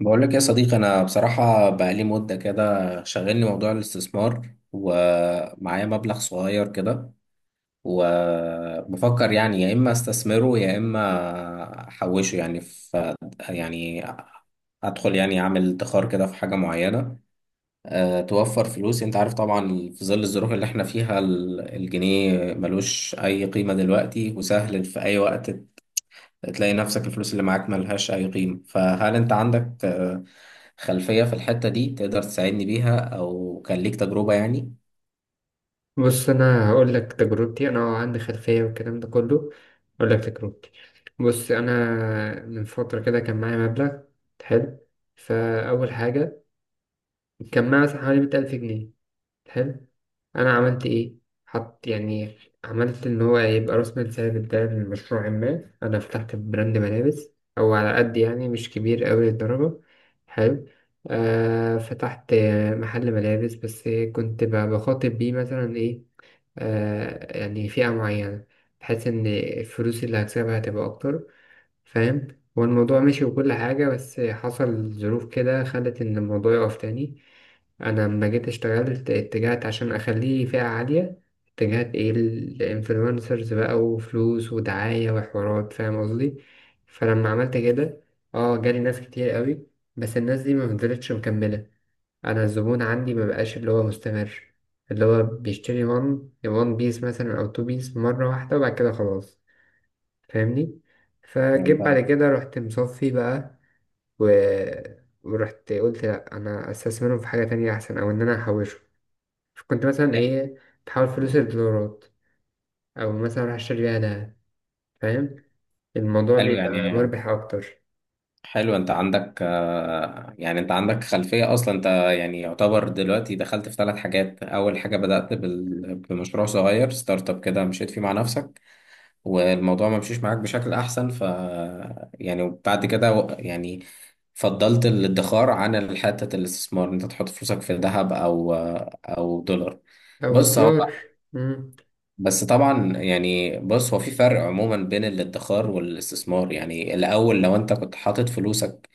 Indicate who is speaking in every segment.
Speaker 1: بقول لك يا صديقي، انا بصراحه بقالي مده كده شغلني موضوع الاستثمار، ومعايا مبلغ صغير كده وبفكر يعني يا اما استثمره يا اما احوشه يعني في يعني ادخل يعني اعمل ادخار كده في حاجه معينه. أه، توفر فلوس. انت عارف طبعا في ظل الظروف اللي احنا فيها الجنيه ملوش اي قيمه دلوقتي، وسهل في اي وقت تلاقي نفسك الفلوس اللي معاك ملهاش أي قيمة. فهل أنت عندك، خلفية في الحتة دي تقدر تساعدني بيها، أو كان ليك تجربة يعني
Speaker 2: بص انا هقول لك تجربتي انا عندي خلفيه والكلام ده كله هقول لك تجربتي. بص انا من فتره كده كان معايا مبلغ حلو. فاول حاجه كان معايا مثلا حوالي 100,000 جنيه. حلو، انا عملت ايه؟ حط يعني، عملت ان هو يبقى راس مال ثابت ده لمشروع ما. انا فتحت براند ملابس او على قد يعني، مش كبير قوي للدرجه. حلو. آه، فتحت محل ملابس، بس كنت بخاطب بيه مثلا ايه، يعني فئة معينة، بحيث إن الفلوس اللي هكسبها هتبقى أكتر. فاهم؟ هو الموضوع مشي وكل حاجة، بس حصل ظروف كده خلت إن الموضوع يقف تاني. أنا لما جيت اشتغلت اتجهت عشان أخليه فئة عالية، اتجهت إيه؟ الإنفلونسرز بقى وفلوس ودعاية وحوارات، فاهم قصدي؟ فلما عملت كده اه جالي ناس كتير قوي، بس الناس دي ما فضلتش مكملة. انا الزبون عندي ما بقاش اللي هو مستمر، اللي هو بيشتري وان وان بيس مثلا او تو بيس مره واحده وبعد كده خلاص. فاهمني؟
Speaker 1: فاهم
Speaker 2: فجيت
Speaker 1: بقى؟
Speaker 2: بعد كده رحت مصفي بقى. و... ورحت قلت لا، انا استثمرهم في حاجه تانية احسن او ان انا احوشه. كنت مثلا
Speaker 1: يا،
Speaker 2: ايه، بحول فلوس الدولارات او مثلا اروح اشتري بيها دهب. فاهم؟ الموضوع
Speaker 1: حلو يعني.
Speaker 2: بيبقى مربح اكتر.
Speaker 1: حلو، أنت عندك، يعني أنت عندك خلفية أصلا. أنت يعني يعتبر دلوقتي دخلت في ثلاث حاجات: أول حاجة بدأت بمشروع صغير، ستارت أب كده، مشيت فيه مع نفسك والموضوع ما مشيش معاك بشكل احسن. ف يعني وبعد كده يعني فضلت الادخار عن الحتة الاستثمار إن انت تحط فلوسك في ذهب او او دولار.
Speaker 2: او
Speaker 1: بص
Speaker 2: الدولار.
Speaker 1: هو
Speaker 2: مم.
Speaker 1: بس طبعا، يعني بص هو في فرق عموما بين الادخار والاستثمار. يعني الاول لو انت كنت حاطط فلوسك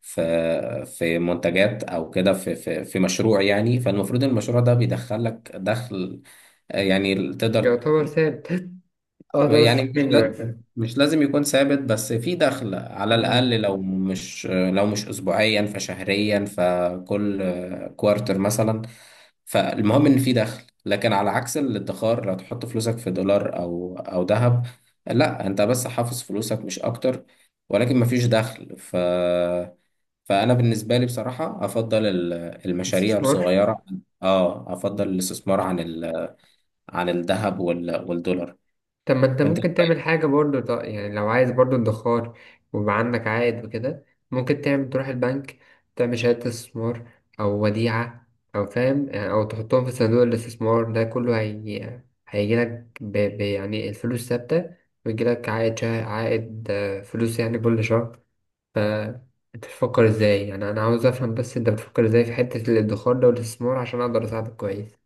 Speaker 1: في في منتجات او كده في في مشروع، يعني فالمفروض المشروع ده بيدخل لك دخل يعني تقدر.
Speaker 2: يعتبر ثابت اقدر
Speaker 1: يعني
Speaker 2: اصرف منه مثلا.
Speaker 1: مش لازم يكون ثابت، بس في دخل على
Speaker 2: مم.
Speaker 1: الأقل، لو مش لو مش أسبوعيا فشهريا، فكل كوارتر مثلا. فالمهم إن في دخل، لكن على عكس الادخار لو تحط فلوسك في دولار أو أو ذهب لا، أنت بس حافظ فلوسك مش أكتر، ولكن مفيش دخل. ف فأنا بالنسبة لي بصراحة أفضل المشاريع
Speaker 2: استثمار.
Speaker 1: الصغيرة. اه، أفضل الاستثمار عن عن الذهب والدولار.
Speaker 2: طب ما انت ممكن تعمل حاجة برضو، يعني لو عايز برضو ادخار ويبقى عندك عائد وكده. ممكن تعمل تروح البنك، تعمل شهادة استثمار أو وديعة، أو فاهم، أو تحطهم في صندوق الاستثمار. ده كله هيجيلك يعني الفلوس ثابتة ويجيلك عائد فلوس يعني كل شهر. ف انت بتفكر ازاي؟ يعني انا عاوز افهم بس، انت بتفكر ازاي في حتة الادخار ده والاستثمار عشان اقدر اساعدك كويس؟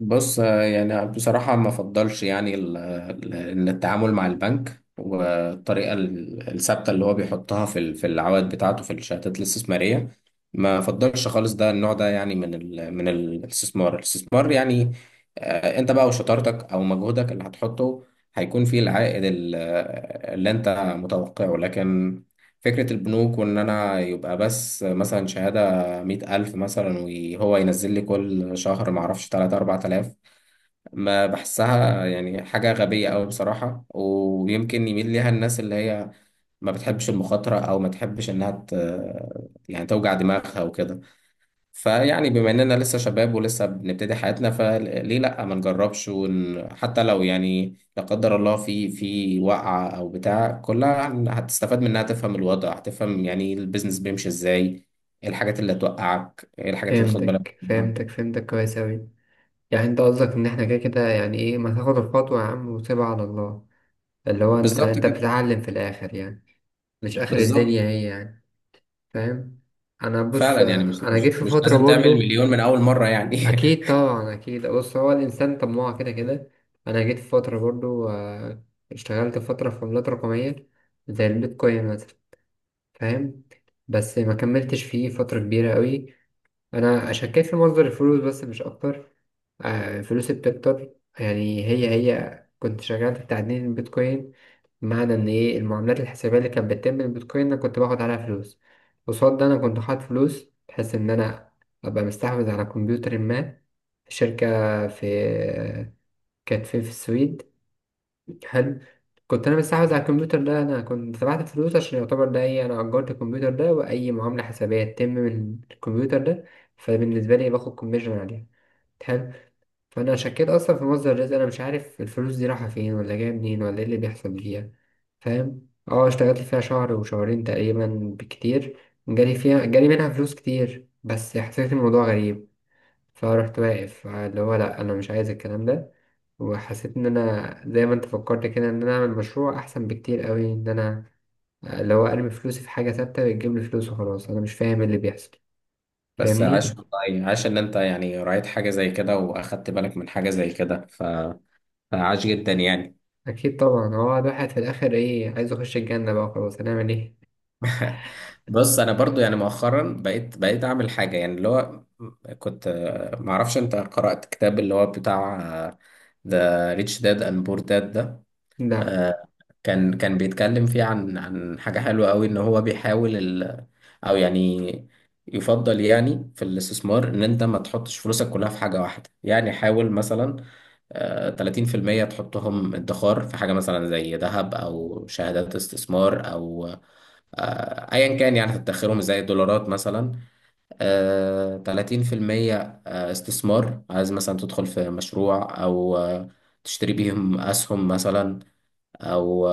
Speaker 1: بص، يعني بصراحة ما أفضلش يعني إن التعامل مع البنك، والطريقة الثابتة اللي هو بيحطها في في العوائد بتاعته في الشهادات الاستثمارية ما أفضلش خالص. ده النوع ده يعني من ال من الاستثمار، الاستثمار يعني أنت بقى وشطارتك أو مجهودك اللي هتحطه هيكون فيه العائد اللي أنت متوقعه. لكن فكرة البنوك وإن أنا يبقى بس مثلا شهادة 100 ألف مثلا، وهو ينزل لي كل شهر معرفش 3 4 آلاف، ما بحسها يعني حاجة غبية أوي بصراحة. ويمكن يميل ليها الناس اللي هي ما بتحبش المخاطرة، أو ما تحبش إنها يعني توجع دماغها وكده. فيعني بما اننا لسه شباب ولسه بنبتدي حياتنا، فليه لا ما نجربش حتى لو يعني لا قدر الله في في وقعة او بتاع، كلها هتستفاد منها، تفهم الوضع، هتفهم يعني البيزنس بيمشي ازاي، ايه الحاجات اللي هتوقعك، ايه الحاجات اللي تاخد بالك
Speaker 2: فهمتك،
Speaker 1: منها.
Speaker 2: فهمتك كويس اوي. يعني انت قصدك ان احنا كده كده يعني ايه، ما تاخد الخطوة يا عم وسيبها على الله، اللي هو انت
Speaker 1: بالظبط كده.
Speaker 2: بتتعلم في الاخر يعني. مش اخر
Speaker 1: بالظبط.
Speaker 2: الدنيا هي يعني. فاهم؟ انا بص،
Speaker 1: فعلا يعني مش
Speaker 2: انا
Speaker 1: مش
Speaker 2: جيت في
Speaker 1: مش
Speaker 2: فترة
Speaker 1: لازم تعمل
Speaker 2: برضو.
Speaker 1: مليون من اول مرة يعني.
Speaker 2: اكيد طبعا، اكيد. بص، هو الانسان طماع كده كده. انا جيت في فترة برضو، اشتغلت فترة في عملات رقمية زي البيتكوين مثلا. فاهم؟ بس ما كملتش فيه فترة كبيرة قوي. انا شكيت في مصدر الفلوس بس مش اكتر. فلوسي بتكتر يعني. هي كنت شغال في تعدين البيتكوين، بمعنى ان ايه المعاملات الحسابية اللي كانت بتتم بالبيتكوين انا كنت باخد عليها فلوس. قصاد ده انا كنت حاطط فلوس بحيث ان انا ابقى مستحوذ على كمبيوتر ما، شركة في كانت فين؟ في السويد. حلو. كنت انا مستحوذ على الكمبيوتر ده، انا كنت دفعت فلوس عشان يعتبر ده ايه، انا اجرت الكمبيوتر ده واي معاملة حسابية تتم من الكمبيوتر ده فبالنسبة لي باخد كوميشن عليها. حلو. فانا شكيت اصلا في مصدر الرزق. انا مش عارف الفلوس دي رايحه فين ولا جايه منين ولا ايه اللي بيحصل فيها. فاهم؟ اه اشتغلت فيها شهر وشهرين تقريبا، بكتير جالي منها فلوس كتير بس حسيت الموضوع غريب. فرحت واقف، اللي هو لا، انا مش عايز الكلام ده. وحسيت ان انا زي ما انت فكرت كده، ان انا اعمل مشروع احسن بكتير قوي، ان انا اللي هو ارمي فلوسي في حاجه ثابته بتجيب لي فلوس وخلاص. انا مش فاهم إيه اللي بيحصل.
Speaker 1: بس عاش
Speaker 2: فاهمني؟
Speaker 1: والله، عاش ان انت يعني رأيت حاجة زي كده، واخدت بالك من حاجة زي كده، فعاش جدا يعني.
Speaker 2: اكيد طبعا. هو الواحد في الاخر ايه، عايز يخش الجنه بقى، خلاص هنعمل ايه.
Speaker 1: بص، انا برضو يعني مؤخرا بقيت اعمل حاجه يعني اللي هو كنت ما اعرفش انت قرات كتاب اللي هو بتاع ذا ريتش داد اند بور داد ده؟
Speaker 2: لا
Speaker 1: آه، كان بيتكلم فيه عن عن حاجة حلوة قوي، ان هو بيحاول ال او يعني يفضل يعني في الاستثمار ان انت ما تحطش فلوسك كلها في حاجة واحدة. يعني حاول مثلا، 30% تحطهم ادخار في حاجة مثلا زي ذهب او شهادات استثمار او، ايا كان يعني، تدخرهم زي الدولارات مثلا. 30% استثمار، عايز مثلا تدخل في مشروع او تشتري بيهم اسهم مثلا، او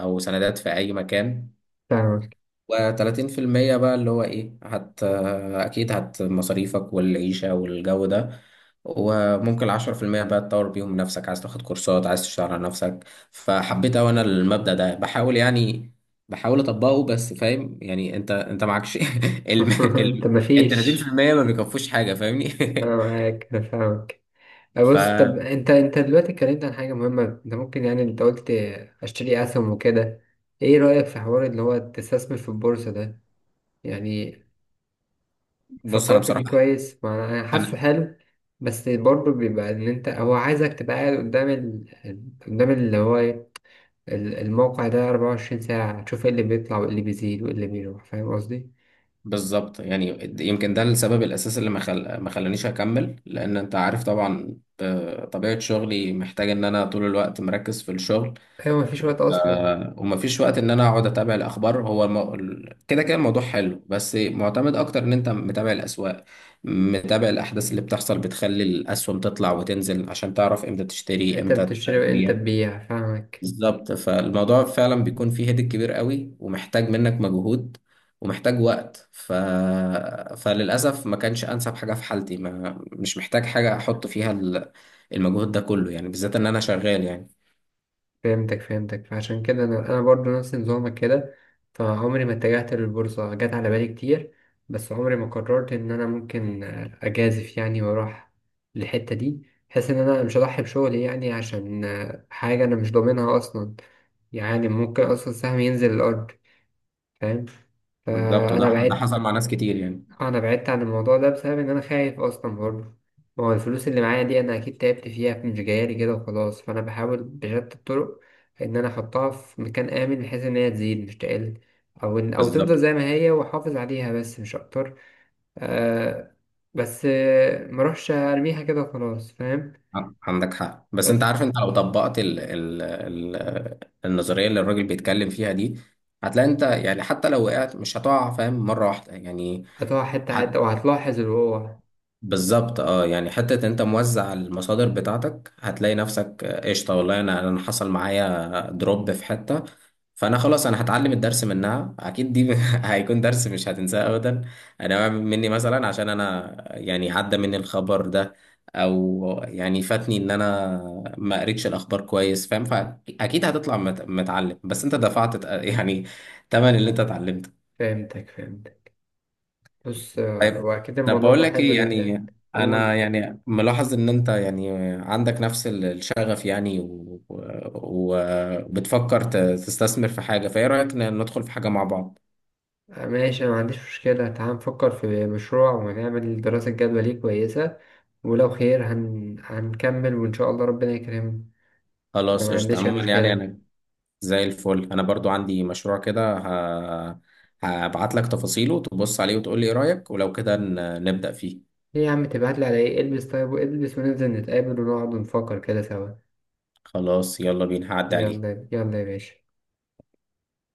Speaker 1: او سندات في اي مكان.
Speaker 2: فاهمك.
Speaker 1: و30% بقى اللي هو ايه، هت اكيد هت مصاريفك والعيشة والجو ده. وممكن 10% بقى تطور بيهم نفسك، عايز تاخد كورسات، عايز تشتغل على نفسك. فحبيت اوي انا المبدأ ده، بحاول يعني بحاول اطبقه، بس فاهم يعني انت انت معكش الم...
Speaker 2: طب
Speaker 1: ال
Speaker 2: مفيش.
Speaker 1: 30% ما بيكفوش حاجة فاهمني.
Speaker 2: أنا معاك، أنا فاهمك. بص، طب
Speaker 1: فبص،
Speaker 2: أنت دلوقتي اتكلمت عن حاجة مهمة. أنت ممكن يعني، أنت قلت أشتري أسهم وكده، إيه رأيك في حوار اللي هو تستثمر في البورصة ده؟ يعني
Speaker 1: انا
Speaker 2: فكرت
Speaker 1: بصراحة
Speaker 2: فيه كويس، ما أنا حاسه
Speaker 1: انا
Speaker 2: حلو. بس برضه بيبقى إن أنت هو عايزك تبقى قاعد قدام قدام اللي هو إيه؟ الموقع ده 24 ساعة، تشوف إيه اللي بيطلع وإيه اللي بيزيد وإيه اللي بيروح، فاهم قصدي؟
Speaker 1: بالظبط يعني يمكن ده السبب الاساسي اللي ما خلانيش اكمل، لان انت عارف طبعا طبيعه شغلي محتاج ان انا طول الوقت مركز في الشغل.
Speaker 2: أيوة مفيش وقت أصلا.
Speaker 1: ومفيش وقت ان انا اقعد اتابع الاخبار. هو كده كده الموضوع حلو، بس معتمد اكتر ان انت متابع الاسواق، متابع الاحداث اللي بتحصل بتخلي الاسهم تطلع وتنزل، عشان تعرف امتى تشتري
Speaker 2: انت
Speaker 1: امتى
Speaker 2: بتشتري وانت
Speaker 1: تبيع.
Speaker 2: تبيع، فاهمك.
Speaker 1: بالظبط. فالموضوع فعلا بيكون فيه هيدك كبير قوي، ومحتاج منك مجهود ومحتاج وقت. فللأسف ما كانش أنسب حاجة في حالتي. ما مش محتاج حاجة أحط فيها المجهود ده كله يعني، بالذات إن أنا شغال يعني.
Speaker 2: فهمتك، فهمتك. فعشان كده انا، برضو نفس نظامك كده. فعمري ما اتجهت للبورصة، جت على بالي كتير بس عمري ما قررت ان انا ممكن اجازف يعني واروح للحتة دي، بحيث ان انا مش هضحي بشغلي يعني عشان حاجة انا مش ضامنها اصلا. يعني ممكن اصلا السهم ينزل الارض. فاهم؟
Speaker 1: بالظبط،
Speaker 2: فانا
Speaker 1: وده ده
Speaker 2: بعدت.
Speaker 1: حصل مع ناس كتير يعني.
Speaker 2: انا بعدت عن الموضوع ده بسبب ان انا خايف اصلا برضه. ما هو الفلوس اللي معايا دي انا اكيد تعبت فيها، مش جايالي كده وخلاص. فانا بحاول بشتى الطرق ان انا احطها في مكان امن، بحيث ان هي تزيد مش تقل، او إن او تفضل
Speaker 1: بالظبط.
Speaker 2: زي ما هي واحافظ عليها بس مش اكتر. آه. بس ما اروحش ارميها كده وخلاص، فاهم؟
Speaker 1: عندك حق، بس أنت
Speaker 2: بس
Speaker 1: عارف، أنت لو طبقت النظرية اللي الراجل بيتكلم فيها دي، هتلاقي أنت يعني حتى لو وقعت مش هتقع فاهم مرة واحدة يعني.
Speaker 2: هتقع حته حته وهتلاحظ الوقوع.
Speaker 1: بالظبط. اه يعني حتة انت موزع المصادر بتاعتك، هتلاقي نفسك قشطة. والله انا انا حصل معايا دروب في حتة، فانا خلاص انا هتعلم الدرس منها اكيد دي. هيكون درس مش هتنساه ابدا. انا واعي مني مثلا، عشان انا يعني عدى مني الخبر ده، او يعني فاتني ان انا ما قريتش الاخبار كويس فاهم. فاكيد هتطلع متعلم، بس انت دفعت يعني تمن اللي انت اتعلمته.
Speaker 2: فهمتك، فهمتك. بص
Speaker 1: طيب.
Speaker 2: واكيد
Speaker 1: طب
Speaker 2: الموضوع
Speaker 1: بقول
Speaker 2: ده
Speaker 1: لك
Speaker 2: حلو
Speaker 1: ايه
Speaker 2: جدا.
Speaker 1: يعني، انا
Speaker 2: قول.
Speaker 1: يعني ملاحظ ان انت يعني عندك نفس الشغف يعني وبتفكر تستثمر في حاجة، فايه رأيك ندخل في حاجة مع بعض؟
Speaker 2: ماشي، أنا ما عنديش مشكلة. تعال نفكر في مشروع ونعمل دراسة جدوى ليه كويسة، ولو خير هنكمل وإن شاء الله ربنا يكرمنا. أنا
Speaker 1: خلاص
Speaker 2: ما
Speaker 1: قشطة.
Speaker 2: عنديش أي
Speaker 1: عموما يعني
Speaker 2: مشكلة.
Speaker 1: انا زي الفل. انا برضو عندي مشروع كده، هبعت لك تفاصيله، تبص عليه وتقول لي ايه رأيك، ولو كده نبدأ فيه.
Speaker 2: ليه يا عم تبعتلي، على إيه؟ البس طيب والبس وننزل نتقابل ونقعد ونفكر كده سوا.
Speaker 1: خلاص، يلا بينا، هعدي عليك.
Speaker 2: يلا يلا يا باشا.